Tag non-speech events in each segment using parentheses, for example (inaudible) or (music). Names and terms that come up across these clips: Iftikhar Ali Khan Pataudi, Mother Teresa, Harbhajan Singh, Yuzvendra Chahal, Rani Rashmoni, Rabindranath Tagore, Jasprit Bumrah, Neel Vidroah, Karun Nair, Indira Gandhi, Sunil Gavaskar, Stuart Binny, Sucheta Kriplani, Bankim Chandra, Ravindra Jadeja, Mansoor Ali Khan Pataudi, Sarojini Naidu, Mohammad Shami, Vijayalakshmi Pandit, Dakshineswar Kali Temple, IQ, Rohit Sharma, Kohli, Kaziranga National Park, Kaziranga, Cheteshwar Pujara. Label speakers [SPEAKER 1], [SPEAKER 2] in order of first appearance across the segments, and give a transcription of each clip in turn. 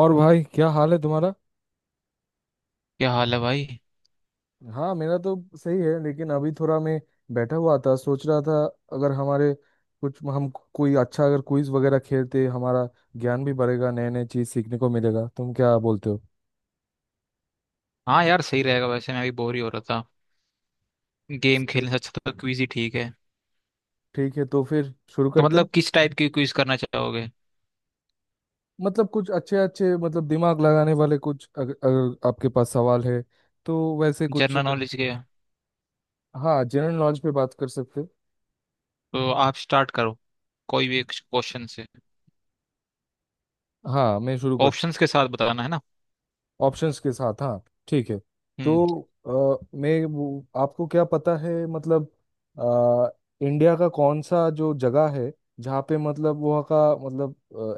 [SPEAKER 1] और भाई क्या हाल है तुम्हारा?
[SPEAKER 2] क्या हाल है भाई।
[SPEAKER 1] हाँ, मेरा तो सही है लेकिन अभी थोड़ा मैं बैठा हुआ था, सोच रहा था अगर हमारे कुछ हम कोई अच्छा अगर क्विज वगैरह खेलते हमारा ज्ञान भी बढ़ेगा, नए नए चीज सीखने को मिलेगा। तुम क्या बोलते हो?
[SPEAKER 2] हाँ यार सही रहेगा। वैसे मैं भी बोर ही हो रहा था। गेम
[SPEAKER 1] सही।
[SPEAKER 2] खेलने से अच्छा तो क्विज ही ठीक है।
[SPEAKER 1] ठीक है, तो फिर शुरू
[SPEAKER 2] तो
[SPEAKER 1] करते हैं।
[SPEAKER 2] मतलब किस टाइप की क्विज करना चाहोगे।
[SPEAKER 1] मतलब कुछ अच्छे अच्छे मतलब दिमाग लगाने वाले कुछ अगर आपके पास सवाल है तो वैसे कुछ
[SPEAKER 2] जनरल
[SPEAKER 1] अगर।
[SPEAKER 2] नॉलेज के।
[SPEAKER 1] हाँ, जनरल नॉलेज पे बात कर सकते हैं।
[SPEAKER 2] तो आप स्टार्ट करो। कोई भी एक क्वेश्चन से।
[SPEAKER 1] हाँ, मैं शुरू करता।
[SPEAKER 2] ऑप्शंस के साथ बताना है ना।
[SPEAKER 1] ऑप्शंस के साथ हाँ। ठीक है।
[SPEAKER 2] हम्म।
[SPEAKER 1] तो मैं आपको क्या पता है मतलब अ, इंडिया का कौन सा जो जगह है जहाँ पे मतलब वहाँ का मतलब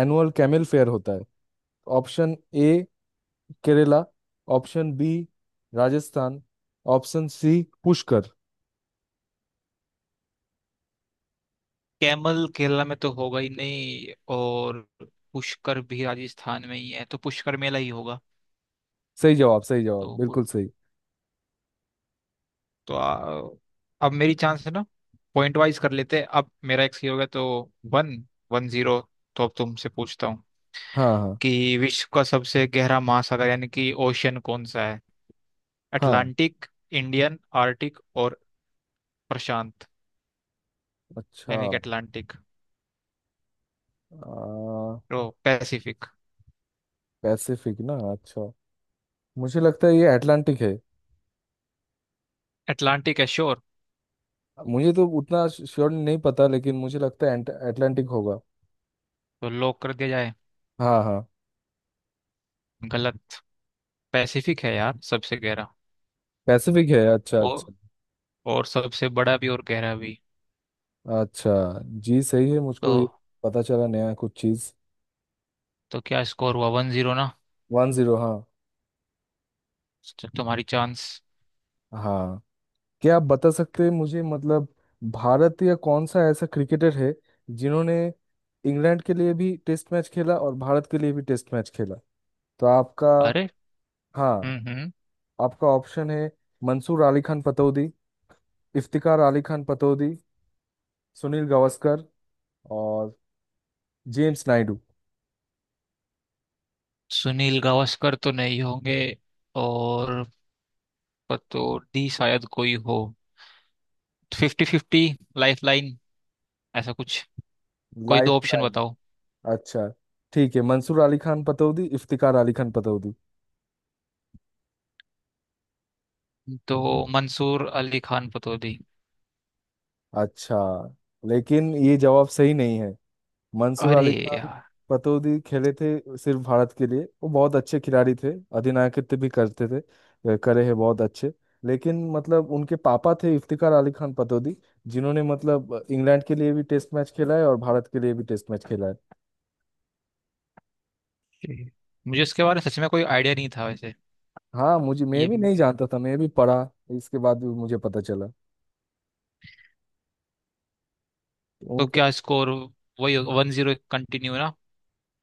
[SPEAKER 1] एनुअल कैमल फेयर होता है? Option A Kerala, option B Rajasthan, option C Pushkar.
[SPEAKER 2] Camel Kerala में तो होगा ही नहीं और पुष्कर भी राजस्थान में ही है तो पुष्कर मेला ही होगा।
[SPEAKER 1] सही जवाब, सही जवाब,
[SPEAKER 2] तो
[SPEAKER 1] बिल्कुल सही।
[SPEAKER 2] तो अब मेरी चांस है ना। पॉइंट वाइज कर लेते हैं। अब मेरा एक सही हो गया। तो वन, वन जीरो। तो अब तुमसे पूछता हूँ
[SPEAKER 1] हाँ, हाँ,
[SPEAKER 2] कि विश्व का सबसे गहरा महासागर यानी कि ओशियन कौन सा है।
[SPEAKER 1] हाँ।
[SPEAKER 2] अटलांटिक, इंडियन, आर्टिक और प्रशांत। यानी
[SPEAKER 1] अच्छा।
[SPEAKER 2] कि अटलांटिक,
[SPEAKER 1] आ,
[SPEAKER 2] ओ, पैसिफिक।
[SPEAKER 1] पैसिफिक ना? अच्छा, मुझे लगता है ये अटलांटिक है।
[SPEAKER 2] अटलांटिक है श्योर।
[SPEAKER 1] मुझे तो उतना श्योर नहीं पता, लेकिन मुझे लगता है अटलांटिक होगा।
[SPEAKER 2] तो लॉक कर दिया जाए।
[SPEAKER 1] हाँ, हाँ।
[SPEAKER 2] गलत। पैसिफिक है यार सबसे गहरा।
[SPEAKER 1] पैसिफिक है? अच्छा,
[SPEAKER 2] और
[SPEAKER 1] अच्छा।
[SPEAKER 2] और सबसे बड़ा भी और गहरा भी।
[SPEAKER 1] अच्छा जी, सही है।
[SPEAKER 2] तो
[SPEAKER 1] मुझको ये पता चला नया कुछ चीज़।
[SPEAKER 2] तो क्या स्कोर हुआ, वन जीरो ना।
[SPEAKER 1] 1-0।
[SPEAKER 2] तो तुम्हारी चांस।
[SPEAKER 1] हाँ, क्या आप बता सकते हैं मुझे मतलब भारत या कौन सा ऐसा क्रिकेटर है जिन्होंने इंग्लैंड के लिए भी टेस्ट मैच खेला और भारत के लिए भी टेस्ट मैच खेला? तो आपका।
[SPEAKER 2] अरे।
[SPEAKER 1] हाँ,
[SPEAKER 2] हम्म, हम्म।
[SPEAKER 1] आपका ऑप्शन है मंसूर अली खान पतौदी, इफ्तिकार अली खान पतौदी, सुनील गावस्कर और जेम्स नायडू।
[SPEAKER 2] सुनील गावस्कर तो नहीं होंगे। और पर तो डी शायद कोई हो। फिफ्टी फिफ्टी, लाइफ लाइन, ऐसा कुछ। कोई दो
[SPEAKER 1] लाइफ
[SPEAKER 2] ऑप्शन
[SPEAKER 1] लाइन?
[SPEAKER 2] बताओ।
[SPEAKER 1] अच्छा, ठीक है, मंसूर अली खान पतौदी, इफ्तिकार अली खान पतौदी।
[SPEAKER 2] तो मंसूर अली खान पतौदी।
[SPEAKER 1] अच्छा, लेकिन ये जवाब सही नहीं है। मंसूर
[SPEAKER 2] अरे
[SPEAKER 1] अली खान
[SPEAKER 2] यार।
[SPEAKER 1] पतौदी खेले थे सिर्फ भारत के लिए, वो बहुत अच्छे खिलाड़ी थे, अधिनायकत्व भी करते थे, करे हैं बहुत अच्छे। लेकिन मतलब उनके पापा थे इफ्तिकार अली खान पतौदी, जिन्होंने मतलब इंग्लैंड के लिए भी टेस्ट मैच खेला है और भारत के लिए भी टेस्ट मैच खेला है।
[SPEAKER 2] ये- मुझे इसके बारे में सच में कोई आइडिया नहीं था वैसे।
[SPEAKER 1] हाँ मुझे, मैं
[SPEAKER 2] ये
[SPEAKER 1] भी नहीं जानता था, मैं भी पढ़ा इसके बाद भी मुझे पता चला
[SPEAKER 2] तो
[SPEAKER 1] उनका।
[SPEAKER 2] क्या स्कोर, वही वन जीरो कंटिन्यू ना।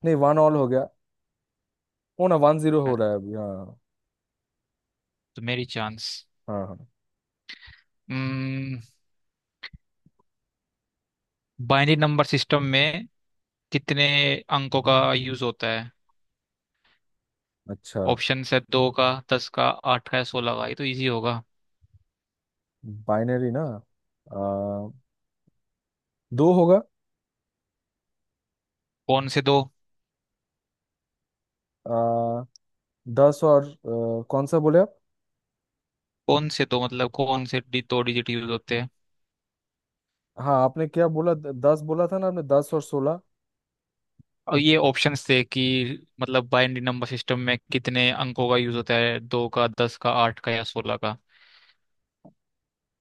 [SPEAKER 1] नहीं, 1-1 हो गया। ओ ना, 1-0
[SPEAKER 2] तो
[SPEAKER 1] हो रहा है अभी। हाँ,
[SPEAKER 2] मेरी चांस।
[SPEAKER 1] हाँ, हाँ।
[SPEAKER 2] हम्म, बाइनरी नंबर सिस्टम में कितने अंकों का यूज होता है।
[SPEAKER 1] अच्छा।
[SPEAKER 2] ऑप्शन है दो का, दस का, आठ का या सोलह का। ये तो इजी होगा।
[SPEAKER 1] बाइनरी ना? आ, दो होगा।
[SPEAKER 2] कौन से दो।
[SPEAKER 1] आ, दस और कौन सा बोले आप?
[SPEAKER 2] कौन से दो मतलब कौन से दो डिजिट यूज होते हैं।
[SPEAKER 1] हाँ, आपने क्या बोला? दस बोला था ना आपने, दस और सोलह।
[SPEAKER 2] और ये ऑप्शंस थे कि मतलब बाइनरी नंबर सिस्टम में कितने अंकों का यूज होता है, दो का, दस का, आठ का या सोलह का।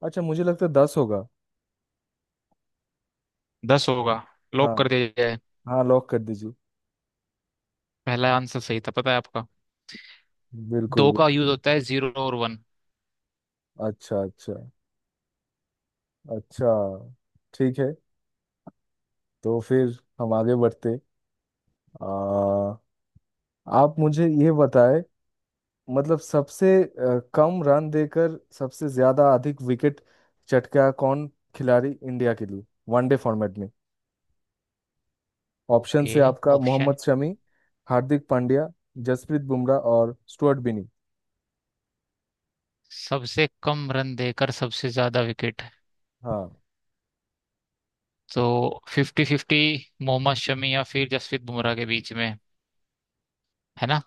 [SPEAKER 1] अच्छा, मुझे लगता है दस होगा।
[SPEAKER 2] दस होगा। लॉक
[SPEAKER 1] हाँ।
[SPEAKER 2] कर दिया जाए।
[SPEAKER 1] हाँ, लॉक कर दीजिए।
[SPEAKER 2] पहला आंसर सही था पता है आपका।
[SPEAKER 1] बिल्कुल,
[SPEAKER 2] दो का
[SPEAKER 1] बिल्कुल।
[SPEAKER 2] यूज होता है, जीरो और वन।
[SPEAKER 1] अच्छा, अच्छा। अच्छा, ठीक है, तो फिर हम आगे बढ़ते। आ, आप मुझे ये बताएं मतलब सबसे कम रन देकर सबसे ज्यादा अधिक विकेट चटका कौन खिलाड़ी इंडिया के लिए वनडे फॉर्मेट में? Option
[SPEAKER 2] okay.
[SPEAKER 1] से आपका मोहम्मद
[SPEAKER 2] ऑप्शन।
[SPEAKER 1] शमी, हार्दिक पांड्या, जसप्रीत बुमराह और स्टुअर्ट बिनी।
[SPEAKER 2] सबसे कम रन देकर सबसे ज्यादा विकेट।
[SPEAKER 1] हाँ।
[SPEAKER 2] तो फिफ्टी फिफ्टी, मोहम्मद शमी या फिर जसप्रीत बुमराह के बीच में है ना।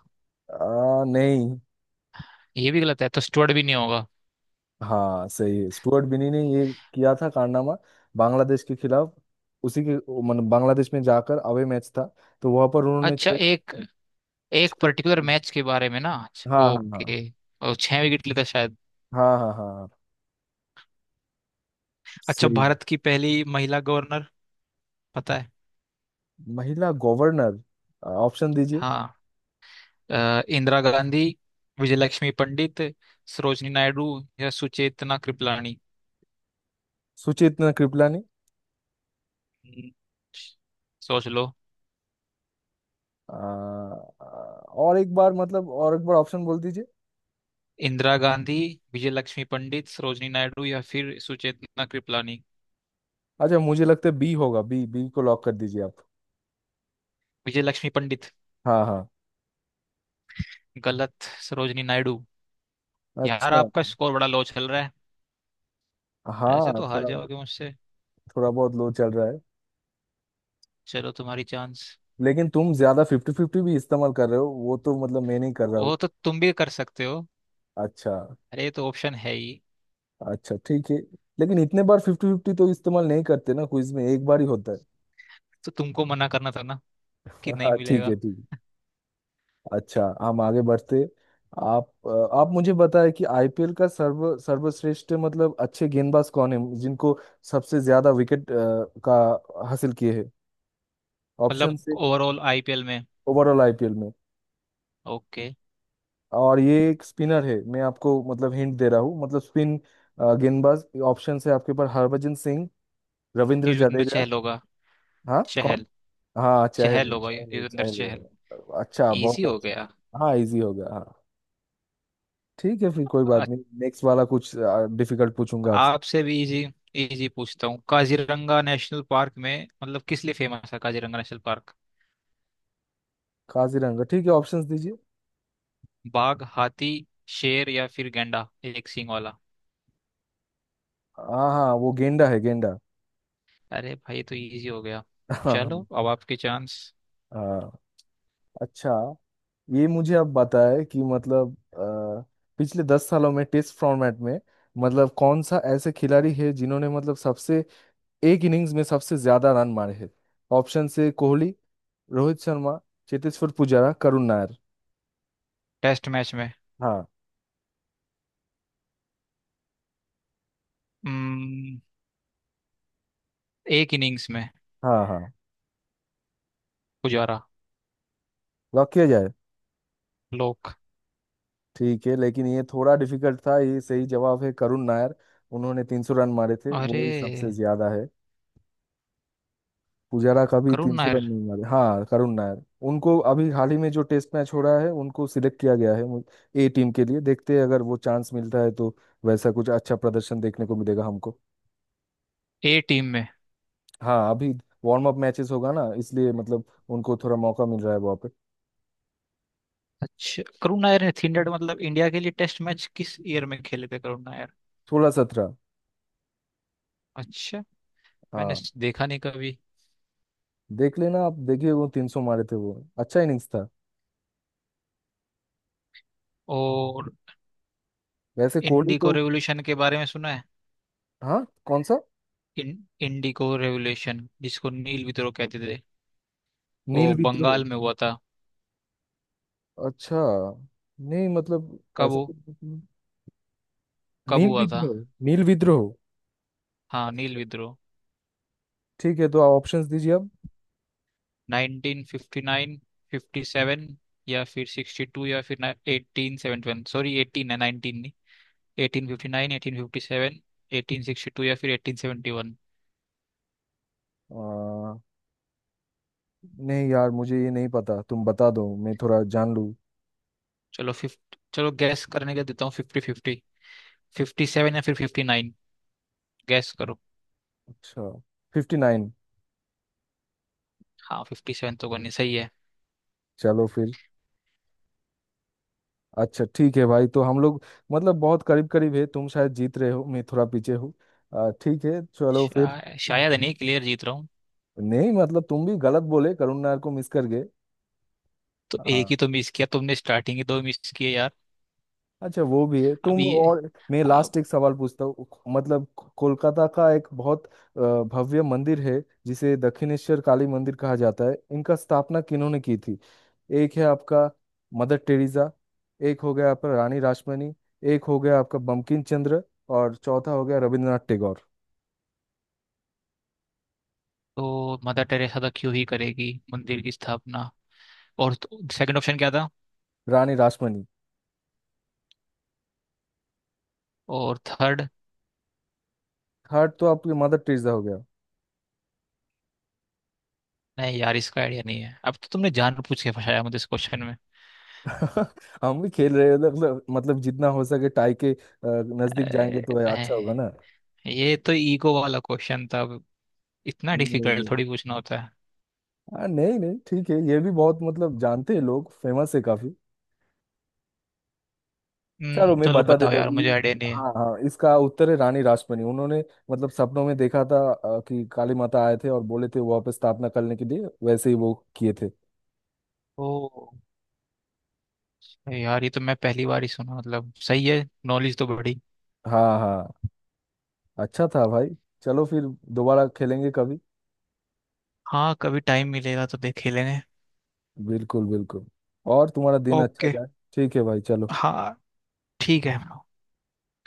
[SPEAKER 1] नहीं।
[SPEAKER 2] ये भी गलत है तो स्टुअर्ट भी नहीं होगा।
[SPEAKER 1] हाँ, सही है, स्टुअर्ट बिनी ने ये किया था कारनामा, बांग्लादेश के खिलाफ। उसी के मतलब बांग्लादेश में जाकर अवे मैच था, तो वहां पर उन्होंने
[SPEAKER 2] अच्छा
[SPEAKER 1] छह।
[SPEAKER 2] एक एक
[SPEAKER 1] छह-
[SPEAKER 2] पर्टिकुलर मैच के बारे में ना। अच्छा,
[SPEAKER 1] हाँ, हाँ, हाँ,
[SPEAKER 2] ओके। और छह विकेट लेता शायद।
[SPEAKER 1] हाँ। हाँ, हाँ, हाँ,
[SPEAKER 2] अच्छा
[SPEAKER 1] सही है।
[SPEAKER 2] भारत की पहली महिला गवर्नर पता है।
[SPEAKER 1] महिला गवर्नर? ऑप्शन दीजिए।
[SPEAKER 2] हाँ। इंदिरा गांधी, विजयलक्ष्मी पंडित, सरोजनी नायडू या सुचेतना कृपलानी।
[SPEAKER 1] सुचेतना कृपलानी।
[SPEAKER 2] हम्म, सोच लो।
[SPEAKER 1] अ, और एक बार मतलब और एक बार ऑप्शन बोल दीजिए।
[SPEAKER 2] इंदिरा गांधी, विजयलक्ष्मी पंडित, सरोजनी नायडू या फिर सुचेतना कृपलानी।
[SPEAKER 1] अच्छा, मुझे लगता है बी होगा। बी, बी को लॉक कर दीजिए आप।
[SPEAKER 2] विजयलक्ष्मी पंडित।
[SPEAKER 1] हाँ, हाँ।
[SPEAKER 2] गलत, सरोजनी नायडू। यार
[SPEAKER 1] अच्छा।
[SPEAKER 2] आपका स्कोर बड़ा लो चल रहा है। ऐसे
[SPEAKER 1] हाँ,
[SPEAKER 2] तो हार
[SPEAKER 1] थोड़ा।
[SPEAKER 2] जाओगे मुझसे।
[SPEAKER 1] थोड़ा बहुत लो चल रहा है।
[SPEAKER 2] चलो तुम्हारी चांस।
[SPEAKER 1] लेकिन तुम ज्यादा फिफ्टी फिफ्टी भी इस्तेमाल कर रहे हो, वो तो मतलब मैं नहीं कर रहा
[SPEAKER 2] ओ
[SPEAKER 1] हूँ।
[SPEAKER 2] तो तुम भी कर सकते हो।
[SPEAKER 1] अच्छा।
[SPEAKER 2] अरे ये तो ऑप्शन है ही।
[SPEAKER 1] अच्छा, ठीक है। लेकिन इतने बार फिफ्टी फिफ्टी तो इस्तेमाल नहीं करते ना, क्विज में एक बार ही होता है।
[SPEAKER 2] तो तुमको मना करना था ना कि
[SPEAKER 1] (laughs)
[SPEAKER 2] नहीं
[SPEAKER 1] हाँ, ठीक
[SPEAKER 2] मिलेगा।
[SPEAKER 1] है, ठीक। अच्छा, हम आगे बढ़ते। आप आप मुझे बताएं कि आईपीएल का सर्वश्रेष्ठ मतलब अच्छे गेंदबाज कौन है जिनको सबसे ज्यादा विकेट का हासिल किए हैं?
[SPEAKER 2] मतलब
[SPEAKER 1] ऑप्शन से।
[SPEAKER 2] ओवरऑल आईपीएल में।
[SPEAKER 1] ओवरऑल आईपीएल में।
[SPEAKER 2] ओके।
[SPEAKER 1] और ये एक स्पिनर है, मैं आपको मतलब हिंट दे रहा हूँ, मतलब स्पिन गेंदबाज। ऑप्शन से आपके पास हरभजन सिंह, रविंद्र
[SPEAKER 2] युजवेंद्र
[SPEAKER 1] जडेजा।
[SPEAKER 2] चहल होगा।
[SPEAKER 1] हाँ, कौन?
[SPEAKER 2] चहल।
[SPEAKER 1] हाँ, चहल
[SPEAKER 2] चहल
[SPEAKER 1] है,
[SPEAKER 2] होगा, युजवेंद्र
[SPEAKER 1] चहल
[SPEAKER 2] चहल।
[SPEAKER 1] है। अच्छा,
[SPEAKER 2] इजी
[SPEAKER 1] बहुत
[SPEAKER 2] हो
[SPEAKER 1] अच्छा।
[SPEAKER 2] गया।
[SPEAKER 1] हाँ, इजी हो गया हाँ। ठीक है, फिर कोई बात
[SPEAKER 2] अ-
[SPEAKER 1] नहीं, नेक्स्ट वाला कुछ डिफिकल्ट पूछूंगा आपसे।
[SPEAKER 2] आपसे भी इजी। इजी पूछता हूँ, काजीरंगा नेशनल पार्क में मतलब किस लिए फेमस है, काजीरंगा नेशनल पार्क।
[SPEAKER 1] काजीरंगा? ठीक है, ऑप्शंस दीजिए।
[SPEAKER 2] बाघ, हाथी, शेर या फिर गैंडा एक सींग वाला।
[SPEAKER 1] हाँ, हाँ, वो गेंडा है, गेंडा।
[SPEAKER 2] अरे भाई ये तो इजी हो गया।
[SPEAKER 1] (laughs) हाँ, हाँ।
[SPEAKER 2] चलो अब आपके चांस।
[SPEAKER 1] हाँ। अच्छा, ये मुझे अब बताए कि मतलब पिछले 10 सालों में टेस्ट फॉर्मेट में मतलब कौन सा ऐसे खिलाड़ी है जिन्होंने मतलब सबसे एक इनिंग्स में सबसे ज्यादा रन मारे हैं? ऑप्शन से कोहली, रोहित शर्मा, चेतेश्वर पुजारा, करुण नायर।
[SPEAKER 2] टेस्ट मैच में।
[SPEAKER 1] हाँ।
[SPEAKER 2] हम्म, एक इनिंग्स में।
[SPEAKER 1] हाँ। हाँ,
[SPEAKER 2] पुजारा।
[SPEAKER 1] लॉक किया जाए।
[SPEAKER 2] लोक।
[SPEAKER 1] ठीक है, लेकिन ये थोड़ा डिफिकल्ट था। ये सही जवाब है करुण नायर, उन्होंने 300 रन मारे थे,
[SPEAKER 2] अरे
[SPEAKER 1] वही सबसे ज्यादा है। पुजारा का भी
[SPEAKER 2] करुण
[SPEAKER 1] तीन सौ
[SPEAKER 2] नायर।
[SPEAKER 1] रन नहीं मारे। हाँ, करुण नायर। उनको अभी हाल ही में जो टेस्ट मैच हो रहा है उनको सिलेक्ट किया गया है ए टीम के लिए। देखते हैं अगर वो चांस मिलता है तो वैसा कुछ अच्छा प्रदर्शन देखने को मिलेगा हमको।
[SPEAKER 2] ए टीम में।
[SPEAKER 1] हाँ, अभी वार्म अप मैचेस होगा ना, इसलिए मतलब उनको थोड़ा मौका मिल रहा है वहाँ पे।
[SPEAKER 2] अच्छा करुण नायर ने थीन डेड मतलब इंडिया के लिए टेस्ट मैच किस ईयर में खेले थे करुण नायर।
[SPEAKER 1] सोलह सत्रह।
[SPEAKER 2] अच्छा। मैंने
[SPEAKER 1] हाँ।
[SPEAKER 2] देखा नहीं कभी।
[SPEAKER 1] देख लेना, आप देखिए, वो 300 मारे थे, वो अच्छा इनिंग्स था।
[SPEAKER 2] और
[SPEAKER 1] वैसे कोहली
[SPEAKER 2] इंडी को
[SPEAKER 1] तो।
[SPEAKER 2] रेवोल्यूशन के बारे में सुना है।
[SPEAKER 1] हाँ, कौन सा?
[SPEAKER 2] इन इंडी को रेवोल्यूशन जिसको नील विद्रोह कहते थे। वो
[SPEAKER 1] नील विद्रोह?
[SPEAKER 2] बंगाल में हुआ था।
[SPEAKER 1] अच्छा, नहीं मतलब
[SPEAKER 2] कब
[SPEAKER 1] ऐसा
[SPEAKER 2] हु-
[SPEAKER 1] कुछ नहीं।
[SPEAKER 2] कब
[SPEAKER 1] नील
[SPEAKER 2] हुआ था।
[SPEAKER 1] विद्रोह, नील विद्रोह।
[SPEAKER 2] हाँ नील विद्रोह।
[SPEAKER 1] ठीक है, तो आप ऑप्शंस दीजिए अब।
[SPEAKER 2] 1959, 57 या फिर 62 या फिर 1871। सॉरी 18 है, 19 नहीं। 1859, 1857, 1862 या फिर 1871।
[SPEAKER 1] आ, नहीं यार, मुझे ये नहीं पता, तुम बता दो मैं थोड़ा जान लूँ।
[SPEAKER 2] चलो फिफ्ट चलो गैस करने का देता हूँ, फिफ्टी फिफ्टी। फिफ्टी सेवन या फिर फिफ्टी नाइन। गैस करो।
[SPEAKER 1] अच्छा। 59।
[SPEAKER 2] हाँ फिफ्टी सेवन तो करनी सही है।
[SPEAKER 1] चलो फिर। अच्छा, ठीक है भाई, तो हम लोग मतलब बहुत करीब करीब है, तुम शायद जीत रहे हो, मैं थोड़ा पीछे हूँ। ठीक है, चलो फिर।
[SPEAKER 2] शायद नहीं, क्लियर जीत रहा हूँ।
[SPEAKER 1] नहीं मतलब, तुम भी गलत बोले, करुण नायर को मिस कर गए।
[SPEAKER 2] तो एक
[SPEAKER 1] आ,
[SPEAKER 2] ही तो मिस किया, तुमने स्टार्टिंग ही दो मिस किए यार।
[SPEAKER 1] अच्छा, वो भी है। तुम
[SPEAKER 2] अभी।
[SPEAKER 1] और मैं,
[SPEAKER 2] अब।
[SPEAKER 1] लास्ट एक सवाल पूछता हूँ। मतलब कोलकाता का एक बहुत भव्य मंदिर है जिसे दक्षिणेश्वर काली मंदिर कहा जाता है, इनका स्थापना किन्होंने की थी? एक है आपका मदर टेरेसा, एक हो गया आपका रानी रासमणी, एक हो गया आपका बंकिम चंद्र, और चौथा हो गया रविंद्रनाथ टैगोर।
[SPEAKER 2] तो मदर टेरेसा तो क्यों ही करेगी मंदिर की स्थापना। और सेकंड ऑप्शन क्या था।
[SPEAKER 1] रानी रासमणी।
[SPEAKER 2] और थर्ड।
[SPEAKER 1] थर्ड तो आपकी मदर टेरेसा हो गया।
[SPEAKER 2] नहीं यार इसका आइडिया नहीं है, अब तो तुमने जानबूझ के फंसाया मुझे इस क्वेश्चन में।
[SPEAKER 1] (laughs) हम भी खेल रहे हैं, मतलब जितना हो सके टाई के नजदीक जाएंगे
[SPEAKER 2] अरे,
[SPEAKER 1] तो अच्छा होगा ना।
[SPEAKER 2] नहीं, ये तो ईगो वाला क्वेश्चन था अब। इतना
[SPEAKER 1] नहीं, नहीं।
[SPEAKER 2] डिफिकल्ट थोड़ी पूछना होता।
[SPEAKER 1] हाँ, नहीं नहीं, ठीक है, ये भी बहुत मतलब जानते हैं लोग, फेमस है काफी। चलो, मैं
[SPEAKER 2] चलो
[SPEAKER 1] बता
[SPEAKER 2] बताओ
[SPEAKER 1] देता हूँ
[SPEAKER 2] यार मुझे
[SPEAKER 1] ये।
[SPEAKER 2] आइडिया नहीं है।
[SPEAKER 1] हाँ, हाँ, इसका उत्तर है रानी रासमणी। उन्होंने मतलब सपनों में देखा था कि काली माता आए थे और बोले थे वहाँ पे स्थापना करने के लिए, वैसे ही वो किए थे।
[SPEAKER 2] ओ। यार ये तो मैं पहली बार ही सुना, मतलब सही है, नॉलेज तो बड़ी।
[SPEAKER 1] हाँ, हाँ। अच्छा था भाई, चलो फिर, दोबारा खेलेंगे कभी।
[SPEAKER 2] हाँ कभी टाइम मिलेगा तो देख ही लेंगे।
[SPEAKER 1] बिल्कुल, बिल्कुल। और तुम्हारा दिन अच्छा
[SPEAKER 2] ओके।
[SPEAKER 1] जाए। ठीक है भाई, चलो।
[SPEAKER 2] हाँ ठीक है।